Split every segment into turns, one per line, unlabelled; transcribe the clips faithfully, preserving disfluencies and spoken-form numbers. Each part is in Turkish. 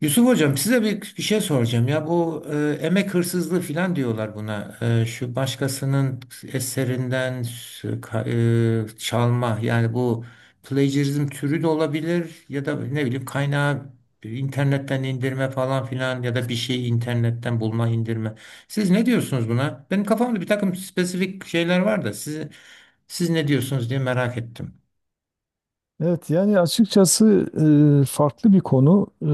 Yusuf Hocam size bir, bir şey soracağım ya bu e, emek hırsızlığı filan diyorlar buna. E, şu başkasının eserinden s- ka- e, çalma yani bu plagiarizm türü de olabilir ya da ne bileyim kaynağı internetten indirme falan filan ya da bir şeyi internetten bulma indirme. Siz ne diyorsunuz buna? Benim kafamda bir takım spesifik şeyler var da siz, siz ne diyorsunuz diye merak ettim.
Evet yani açıkçası e, farklı bir konu. E,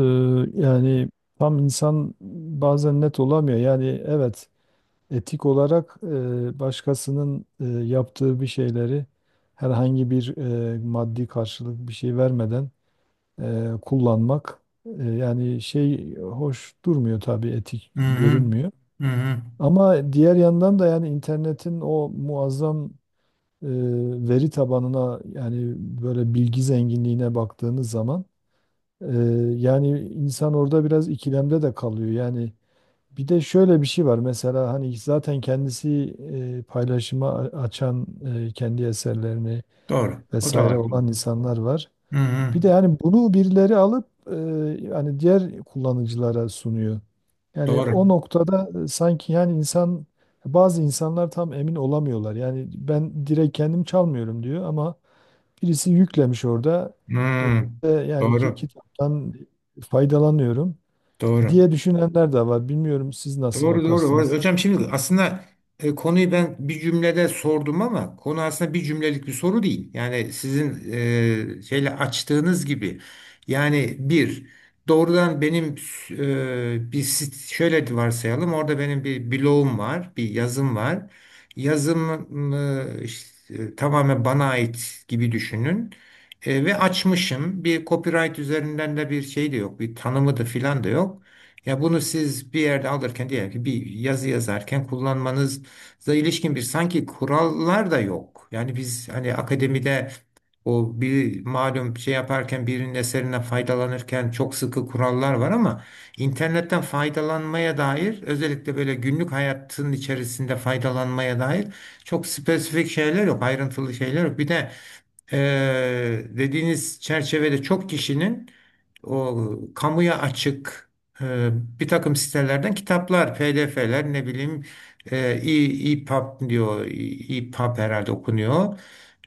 Yani tam insan bazen net olamıyor. Yani evet etik olarak e, başkasının e, yaptığı bir şeyleri herhangi bir e, maddi karşılık bir şey vermeden e, kullanmak, e, yani şey hoş durmuyor tabii, etik
Hı hı.
görünmüyor.
Hı hı.
Ama diğer yandan da yani internetin o muazzam e, veri tabanına, yani böyle bilgi zenginliğine baktığınız zaman, ee, yani insan orada biraz ikilemde de kalıyor. Yani bir de şöyle bir şey var. Mesela hani zaten kendisi e, paylaşıma a- açan e, kendi eserlerini
Doğru. O da
vesaire
var.
olan insanlar var.
Hı hı.
Bir de yani bunu birileri alıp, e, yani diğer kullanıcılara sunuyor. Yani
Doğru.
o noktada e, sanki yani insan bazı insanlar tam emin olamıyorlar. Yani ben direkt kendim çalmıyorum diyor ama birisi yüklemiş orada. E,
Hmm,
e, yani ki-
doğru.
kitaptan faydalanıyorum
Doğru.
diye düşünenler de var. Bilmiyorum siz nasıl
Doğru doğru. Ho-
bakarsınız?
Hocam şimdi aslında e, konuyu ben bir cümlede sordum ama konu aslında bir cümlelik bir soru değil. Yani sizin e, şeyle açtığınız gibi. Yani bir doğrudan benim e, bir sit- şöyle de varsayalım, orada benim bir bloğum var, bir yazım var. Yazım e, işte, e, tamamen bana ait gibi düşünün. E, ve açmışım. Bir copyright üzerinden de bir şey de yok. Bir tanımı da filan da yok. Ya bunu siz bir yerde alırken, diyelim ki bir yazı yazarken kullanmanıza ilişkin bir sanki kurallar da yok. Yani biz hani akademide o bir malum şey yaparken, birinin eserinden faydalanırken çok sıkı kurallar var ama internetten faydalanmaya dair, özellikle böyle günlük hayatın içerisinde faydalanmaya dair çok spesifik şeyler yok, ayrıntılı şeyler yok. Bir de eee, dediğiniz çerçevede çok kişinin o kamuya açık e, bir takım sitelerden kitaplar, P D F'ler ne bileyim, e, e- EPUB diyor. E- EPUB herhalde okunuyor.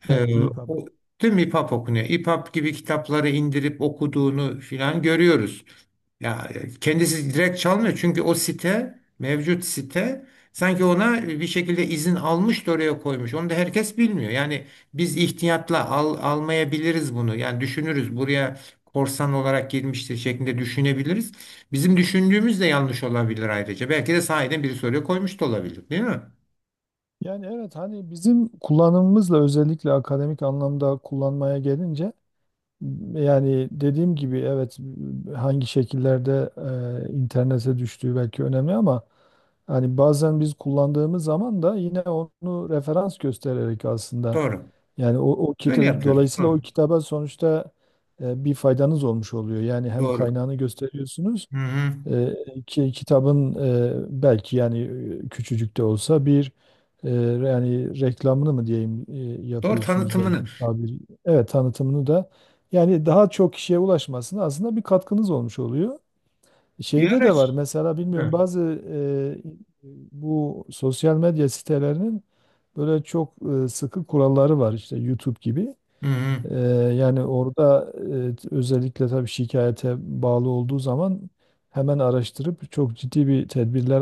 E,
Evet, iyi haber.
o, değil mi, EPUB okunuyor? EPUB gibi kitapları indirip okuduğunu filan görüyoruz. Ya e, kendisi direkt çalmıyor çünkü o site, mevcut site sanki ona e, bir şekilde izin almış da oraya koymuş. Onu da herkes bilmiyor. Yani biz ihtiyatla al, almayabiliriz bunu. Yani düşünürüz, buraya korsan olarak girmiştir şeklinde düşünebiliriz. Bizim düşündüğümüz de yanlış olabilir ayrıca. Belki de sahiden biri soruyor koymuş da olabilir, değil mi?
Yani evet, hani bizim kullanımımızla, özellikle akademik anlamda kullanmaya gelince, yani dediğim gibi evet, hangi şekillerde e, internete düştüğü belki önemli ama hani bazen biz kullandığımız zaman da yine onu referans göstererek aslında
Doğru.
yani o, o
Böyle
kitabı,
yapıyoruz.
dolayısıyla o
Doğru.
kitaba sonuçta e, bir faydanız olmuş oluyor. Yani hem
Doğru.
kaynağını gösteriyorsunuz,
Hı hı.
e, ki, kitabın e, belki yani e, küçücük de olsa bir, e, yani reklamını mı diyeyim, e,
Doğru,
yapıyorsunuz
tanıtımını.
belki tabiri. Evet, tanıtımını da yani daha çok kişiye ulaşmasına aslında bir katkınız olmuş oluyor.
Bir
Şeyde
ara.
de var mesela, bilmiyorum,
Hı
bazı e, bu sosyal medya sitelerinin böyle çok e, sıkı kuralları var, işte YouTube gibi.
hı.
Ee, Yani orada e, özellikle tabii şikayete bağlı olduğu zaman hemen araştırıp çok ciddi bir tedbirler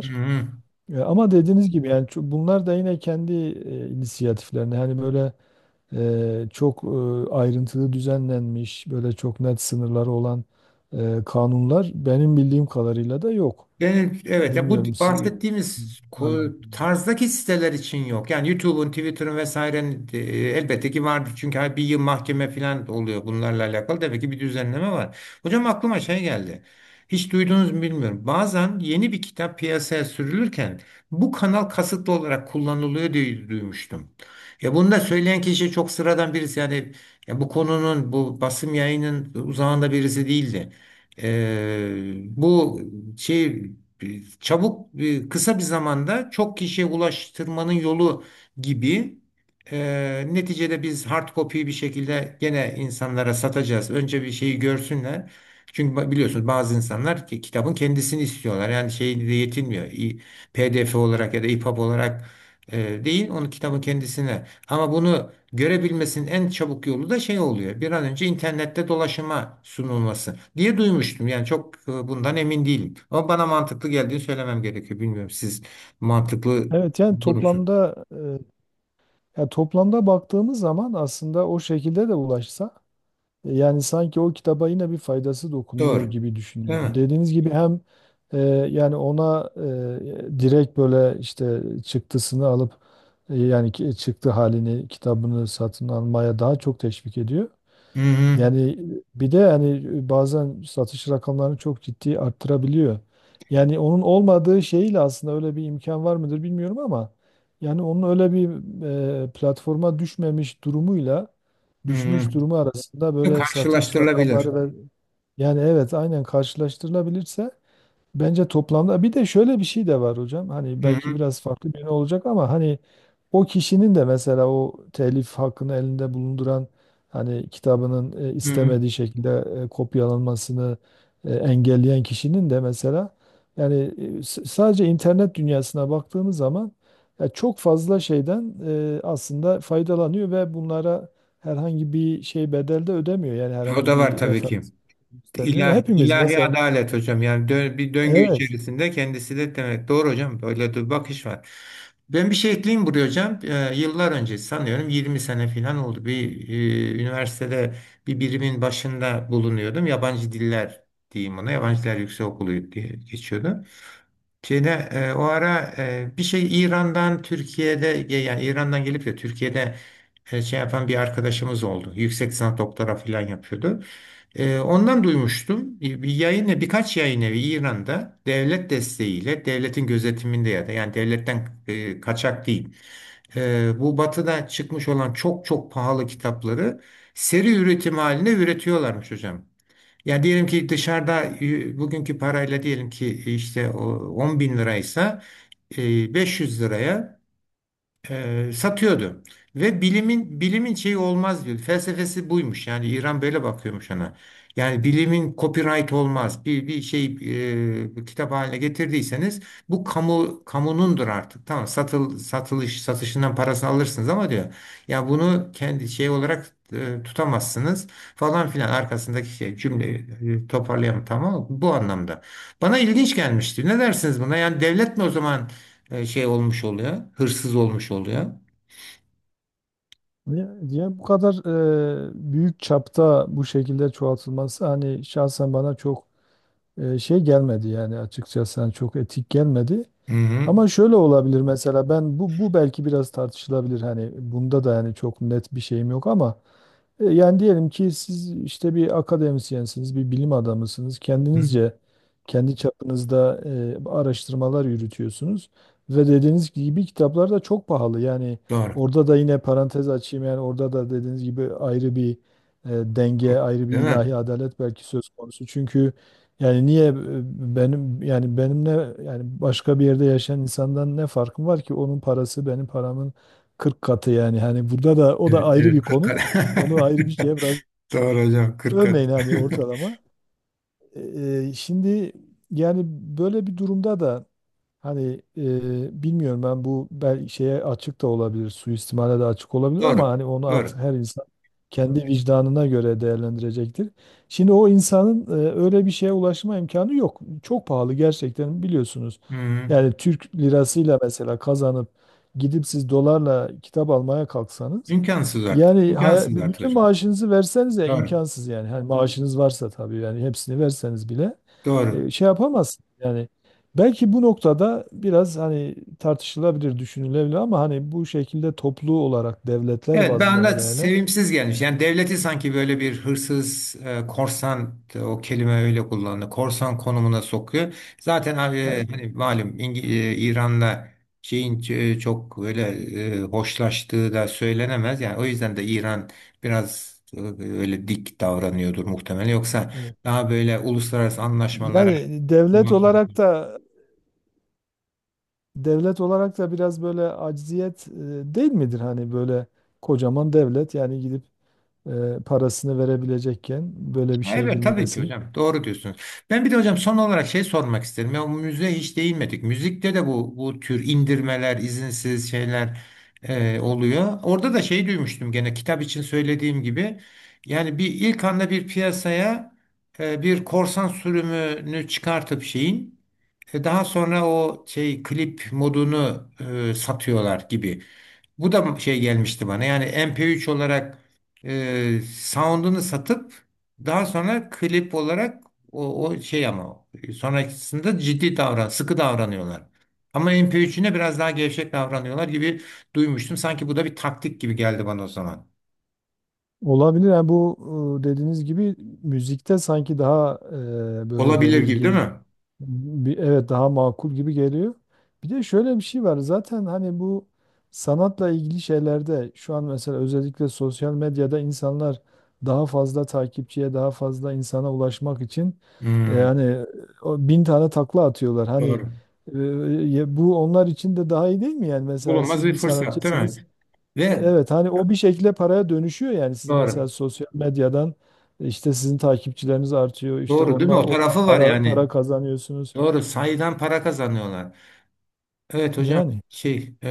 Hı hı.
E, ama dediğiniz gibi yani ço- bunlar da yine kendi e, inisiyatiflerine, hani böyle e, çok e, ayrıntılı düzenlenmiş, böyle çok net sınırları olan e, kanunlar benim bildiğim kadarıyla da yok.
Genel, evet, ya bu
Bilmiyorum, siz
bahsettiğimiz
var mı?
ko- tarzdaki siteler için yok. Yani YouTube'un, Twitter'ın vesairenin e, elbette ki vardır. Çünkü her bir yıl mahkeme falan oluyor bunlarla alakalı. Demek ki bir düzenleme var. Hocam aklıma şey geldi. Hiç duydunuz mu bilmiyorum. Bazen yeni bir kitap piyasaya sürülürken bu kanal kasıtlı olarak kullanılıyor diye duymuştum. Ya bunu da söyleyen kişi çok sıradan birisi. Yani ya bu konunun, bu basım yayının uzağında birisi değildi. Ee, bu şey, bir- çabuk bir- kısa bir zamanda çok kişiye ulaştırmanın yolu gibi. E, neticede biz hard copy'yi bir şekilde gene insanlara satacağız. Önce bir şeyi görsünler. Çünkü ba- biliyorsunuz, bazı insanlar ki kitabın kendisini istiyorlar. Yani şeyle de yetinmiyor. İ- P D F olarak ya da EPUB olarak e, değil, onu kitabın kendisine. Ama bunu görebilmesinin en çabuk yolu da şey oluyor. Bir an önce internette dolaşıma sunulması diye duymuştum. Yani çok e, bundan emin değilim. Ama bana mantıklı geldiğini söylemem gerekiyor. Bilmiyorum, siz mantıklı
Evet yani
bulur musunuz?
toplamda, e, ya toplamda baktığımız zaman aslında o şekilde de ulaşsa, yani sanki o kitaba yine bir faydası dokunuyor
Doğru.
gibi
Değil
düşünüyorum.
mi?
Dediğiniz gibi hem e, yani ona e, direkt böyle işte çıktısını alıp, e, yani ki- çıktı halini, kitabını satın almaya daha çok teşvik ediyor.
Hı hı.
Yani bir de hani bazen satış rakamlarını çok ciddi arttırabiliyor. Yani onun olmadığı şeyle aslında öyle bir imkan var mıdır bilmiyorum ama yani onun öyle bir e, platforma düşmemiş durumuyla
Hı hı.
düşmüş durumu arasında böyle satış
Karşılaştırılabilir.
rakamları ve yani evet aynen karşılaştırılabilirse. Bence toplamda bir de şöyle bir şey de var hocam. Hani
Hı
belki
hı.
biraz farklı bir yönü olacak ama hani o kişinin de mesela, o telif hakkını elinde bulunduran, hani kitabının e,
Hı hı.
istemediği şekilde e, kopyalanmasını e, engelleyen kişinin de mesela yani e, s- sadece internet dünyasına baktığımız zaman ya çok fazla şeyden e, aslında faydalanıyor ve bunlara herhangi bir şey bedel de ödemiyor. Yani
O
herhangi
da var
bir
tabii ki.
referans göstermiyor.
İlahi
Hepimiz
ilahi
mesela
adalet hocam, yani dö- bir döngü
evet.
içerisinde kendisi de demek. Doğru hocam, böyle bir bakış var. Ben bir şey ekleyeyim buraya hocam. Ee, yıllar önce, sanıyorum yirmi sene falan oldu. Bir e, üniversitede bir birimin başında bulunuyordum. Yabancı diller diyeyim ona. Yabancı Diller Yüksekokulu diye geçiyordu. Şeyde e, o ara e, bir şey, İran'dan Türkiye'de, yani İran'dan gelip de Türkiye'de e, şey yapan bir arkadaşımız oldu. Yüksek lisans doktora falan yapıyordu. E, ondan duymuştum. Bir bir yayın evi- birkaç yayın evi İran'da devlet desteğiyle, devletin gözetiminde, ya da yani devletten e, kaçak değil. E, bu batıda çıkmış olan çok çok pahalı kitapları seri üretim haline üretiyorlarmış hocam. Yani diyelim ki dışarıda, e, bugünkü parayla diyelim ki, işte o on bin liraysa e, beş yüz liraya e, satıyordu. Ve bilimin bilimin şeyi olmaz diyor. Felsefesi buymuş. Yani İran böyle bakıyormuş ona. Yani bilimin copyright olmaz. Bir bir şey e, bir kitap haline getirdiyseniz bu kamu kamunundur artık. Tamam, satıl satılış satışından parasını alırsınız ama diyor. Ya bunu kendi şey olarak e, tutamazsınız falan filan, arkasındaki şey cümleyi e, toparlayamam, tamam mı? Bu anlamda. Bana ilginç gelmişti. Ne dersiniz buna? Yani devlet mi o zaman e, şey olmuş oluyor, hırsız olmuş oluyor.
Ya, ya bu kadar e, büyük çapta bu şekilde çoğaltılması hani şahsen bana çok e, şey gelmedi yani, açıkçası hani çok etik gelmedi.
Hı hı.
Ama şöyle olabilir mesela, ben bu bu belki biraz tartışılabilir, hani bunda da yani çok net bir şeyim yok ama e, yani diyelim ki siz işte bir akademisyensiniz, bir bilim adamısınız.
Hı hı.
Kendinizce, kendi çapınızda e, araştırmalar yürütüyorsunuz ve dediğiniz gibi kitaplar da çok pahalı. Yani
Doğru.
orada da yine parantez açayım, yani orada da dediğiniz gibi ayrı bir e, denge, ayrı bir
Değil mi?
ilahi adalet belki söz konusu. Çünkü yani niye e, benim, yani benimle, yani başka bir yerde yaşayan insandan ne farkım var ki? Onun parası benim paramın kırk katı. Yani hani burada da o da
Evet,
ayrı
evet.
bir
Kırk
konu.
kat.
Onu ayrı bir şeye bırak.
Doğru hocam. Kırk kat.
Örneğin hani ortalama. Eee, şimdi yani böyle bir durumda da hani, eee, bilmiyorum, ben bu belki şeye açık da olabilir, suistimale de açık olabilir, ama
Doğru.
hani onu artık
Doğru.
her insan kendi vicdanına göre değerlendirecektir. Şimdi o insanın, eee, öyle bir şeye ulaşma imkanı yok. Çok pahalı gerçekten, biliyorsunuz.
Hı hı.
Yani Türk lirasıyla mesela kazanıp gidip siz dolarla kitap almaya kalksanız
İmkansız artık.
yani haya-
İmkansız artık
bütün
hocam.
maaşınızı verseniz, ya
Doğru.
imkansız yani. Hani maaşınız varsa tabii, yani hepsini verseniz bile
Doğru.
e, şey yapamazsınız. Yani belki bu noktada biraz hani tartışılabilir, düşünülebilir, ama hani bu şekilde toplu olarak devletler
Evet, ben
bazında,
de
hele hele
sevimsiz gelmiş. Yani devleti sanki böyle bir hırsız, e, korsan, e, o kelime öyle kullanıldı, korsan konumuna sokuyor. Zaten abi, e,
yani,
hani malum İngi- e, İran'la şeyin ç- e, çok böyle e, hoşlaştığı da söylenemez. Yani o yüzden de İran biraz e, öyle dik davranıyordur muhtemelen. Yoksa
e,
daha böyle uluslararası anlaşmalara
yani devlet
uymak.
olarak da devlet olarak da biraz böyle acziyet e, değil midir? Hani böyle kocaman devlet yani gidip e, parasını verebilecekken böyle bir
Ha,
şeye
evet, tabii ki
girmesi.
hocam. Doğru diyorsunuz. Ben bir de hocam son olarak şey sormak isterim. Ya, bu müziğe hiç değinmedik. Müzikte de bu bu tür indirmeler, izinsiz şeyler e, oluyor. Orada da şey duymuştum, gene kitap için söylediğim gibi. Yani bir ilk anda bir piyasaya e, bir korsan sürümünü çıkartıp şeyin e, daha sonra o şey klip modunu e, satıyorlar gibi. Bu da şey gelmişti bana. Yani M P üç olarak e, sound'unu satıp daha sonra klip olarak o, o şey ama sonrakisinde ciddi davran, sıkı davranıyorlar. Ama M P üç'üne biraz daha gevşek davranıyorlar gibi duymuştum. Sanki bu da bir taktik gibi geldi bana o zaman.
Olabilir. Yani bu, e, dediğiniz gibi müzikte sanki daha e, böyle
Olabilir gibi değil
belirgin
mi?
bir, evet, daha makul gibi geliyor. Bir de şöyle bir şey var. Zaten hani bu sanatla ilgili şeylerde şu an mesela, özellikle sosyal medyada insanlar daha fazla takipçiye, daha fazla insana ulaşmak için e,
Hmm,
yani o bin tane takla atıyorlar. Hani
doğru.
e, ya bu onlar için de daha iyi değil mi? Yani mesela
Bulunmaz
siz
bir
bir
fırsat değil
sanatçısınız.
mi? Ve
Evet, hani o bir şekilde paraya dönüşüyor, yani siz mesela
doğru.
sosyal medyadan, işte sizin takipçileriniz artıyor, işte
Doğru değil mi?
onlar
O
oradan
tarafı var
para para
yani.
kazanıyorsunuz.
Doğru. Sayıdan para kazanıyorlar. Evet hocam,
Yani
şey, e,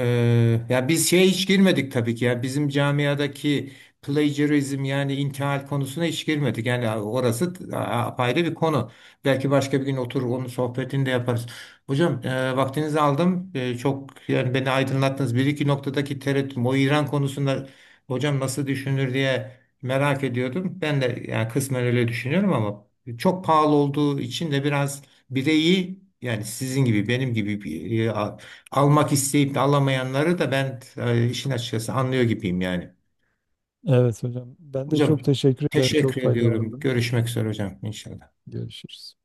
ya biz şeye hiç girmedik tabii ki, ya bizim camiadaki plagiarizm, yani intihal konusuna hiç girmedik, yani orası a- apayrı bir konu. Belki başka bir gün oturur onun sohbetini de yaparız hocam. E, vaktinizi aldım. E, çok, yani beni aydınlattınız. Bir iki noktadaki tereddütüm o İran konusunda hocam nasıl düşünür diye merak ediyordum. Ben de yani kısmen öyle düşünüyorum ama çok pahalı olduğu için de biraz bireyi, yani sizin gibi benim gibi almak isteyip de alamayanları da ben e, işin açıkçası anlıyor gibiyim yani.
evet hocam, ben de
Hocam
çok teşekkür ederim. Çok
teşekkür ediyorum.
faydalandım.
Görüşmek üzere hocam, inşallah.
Görüşürüz.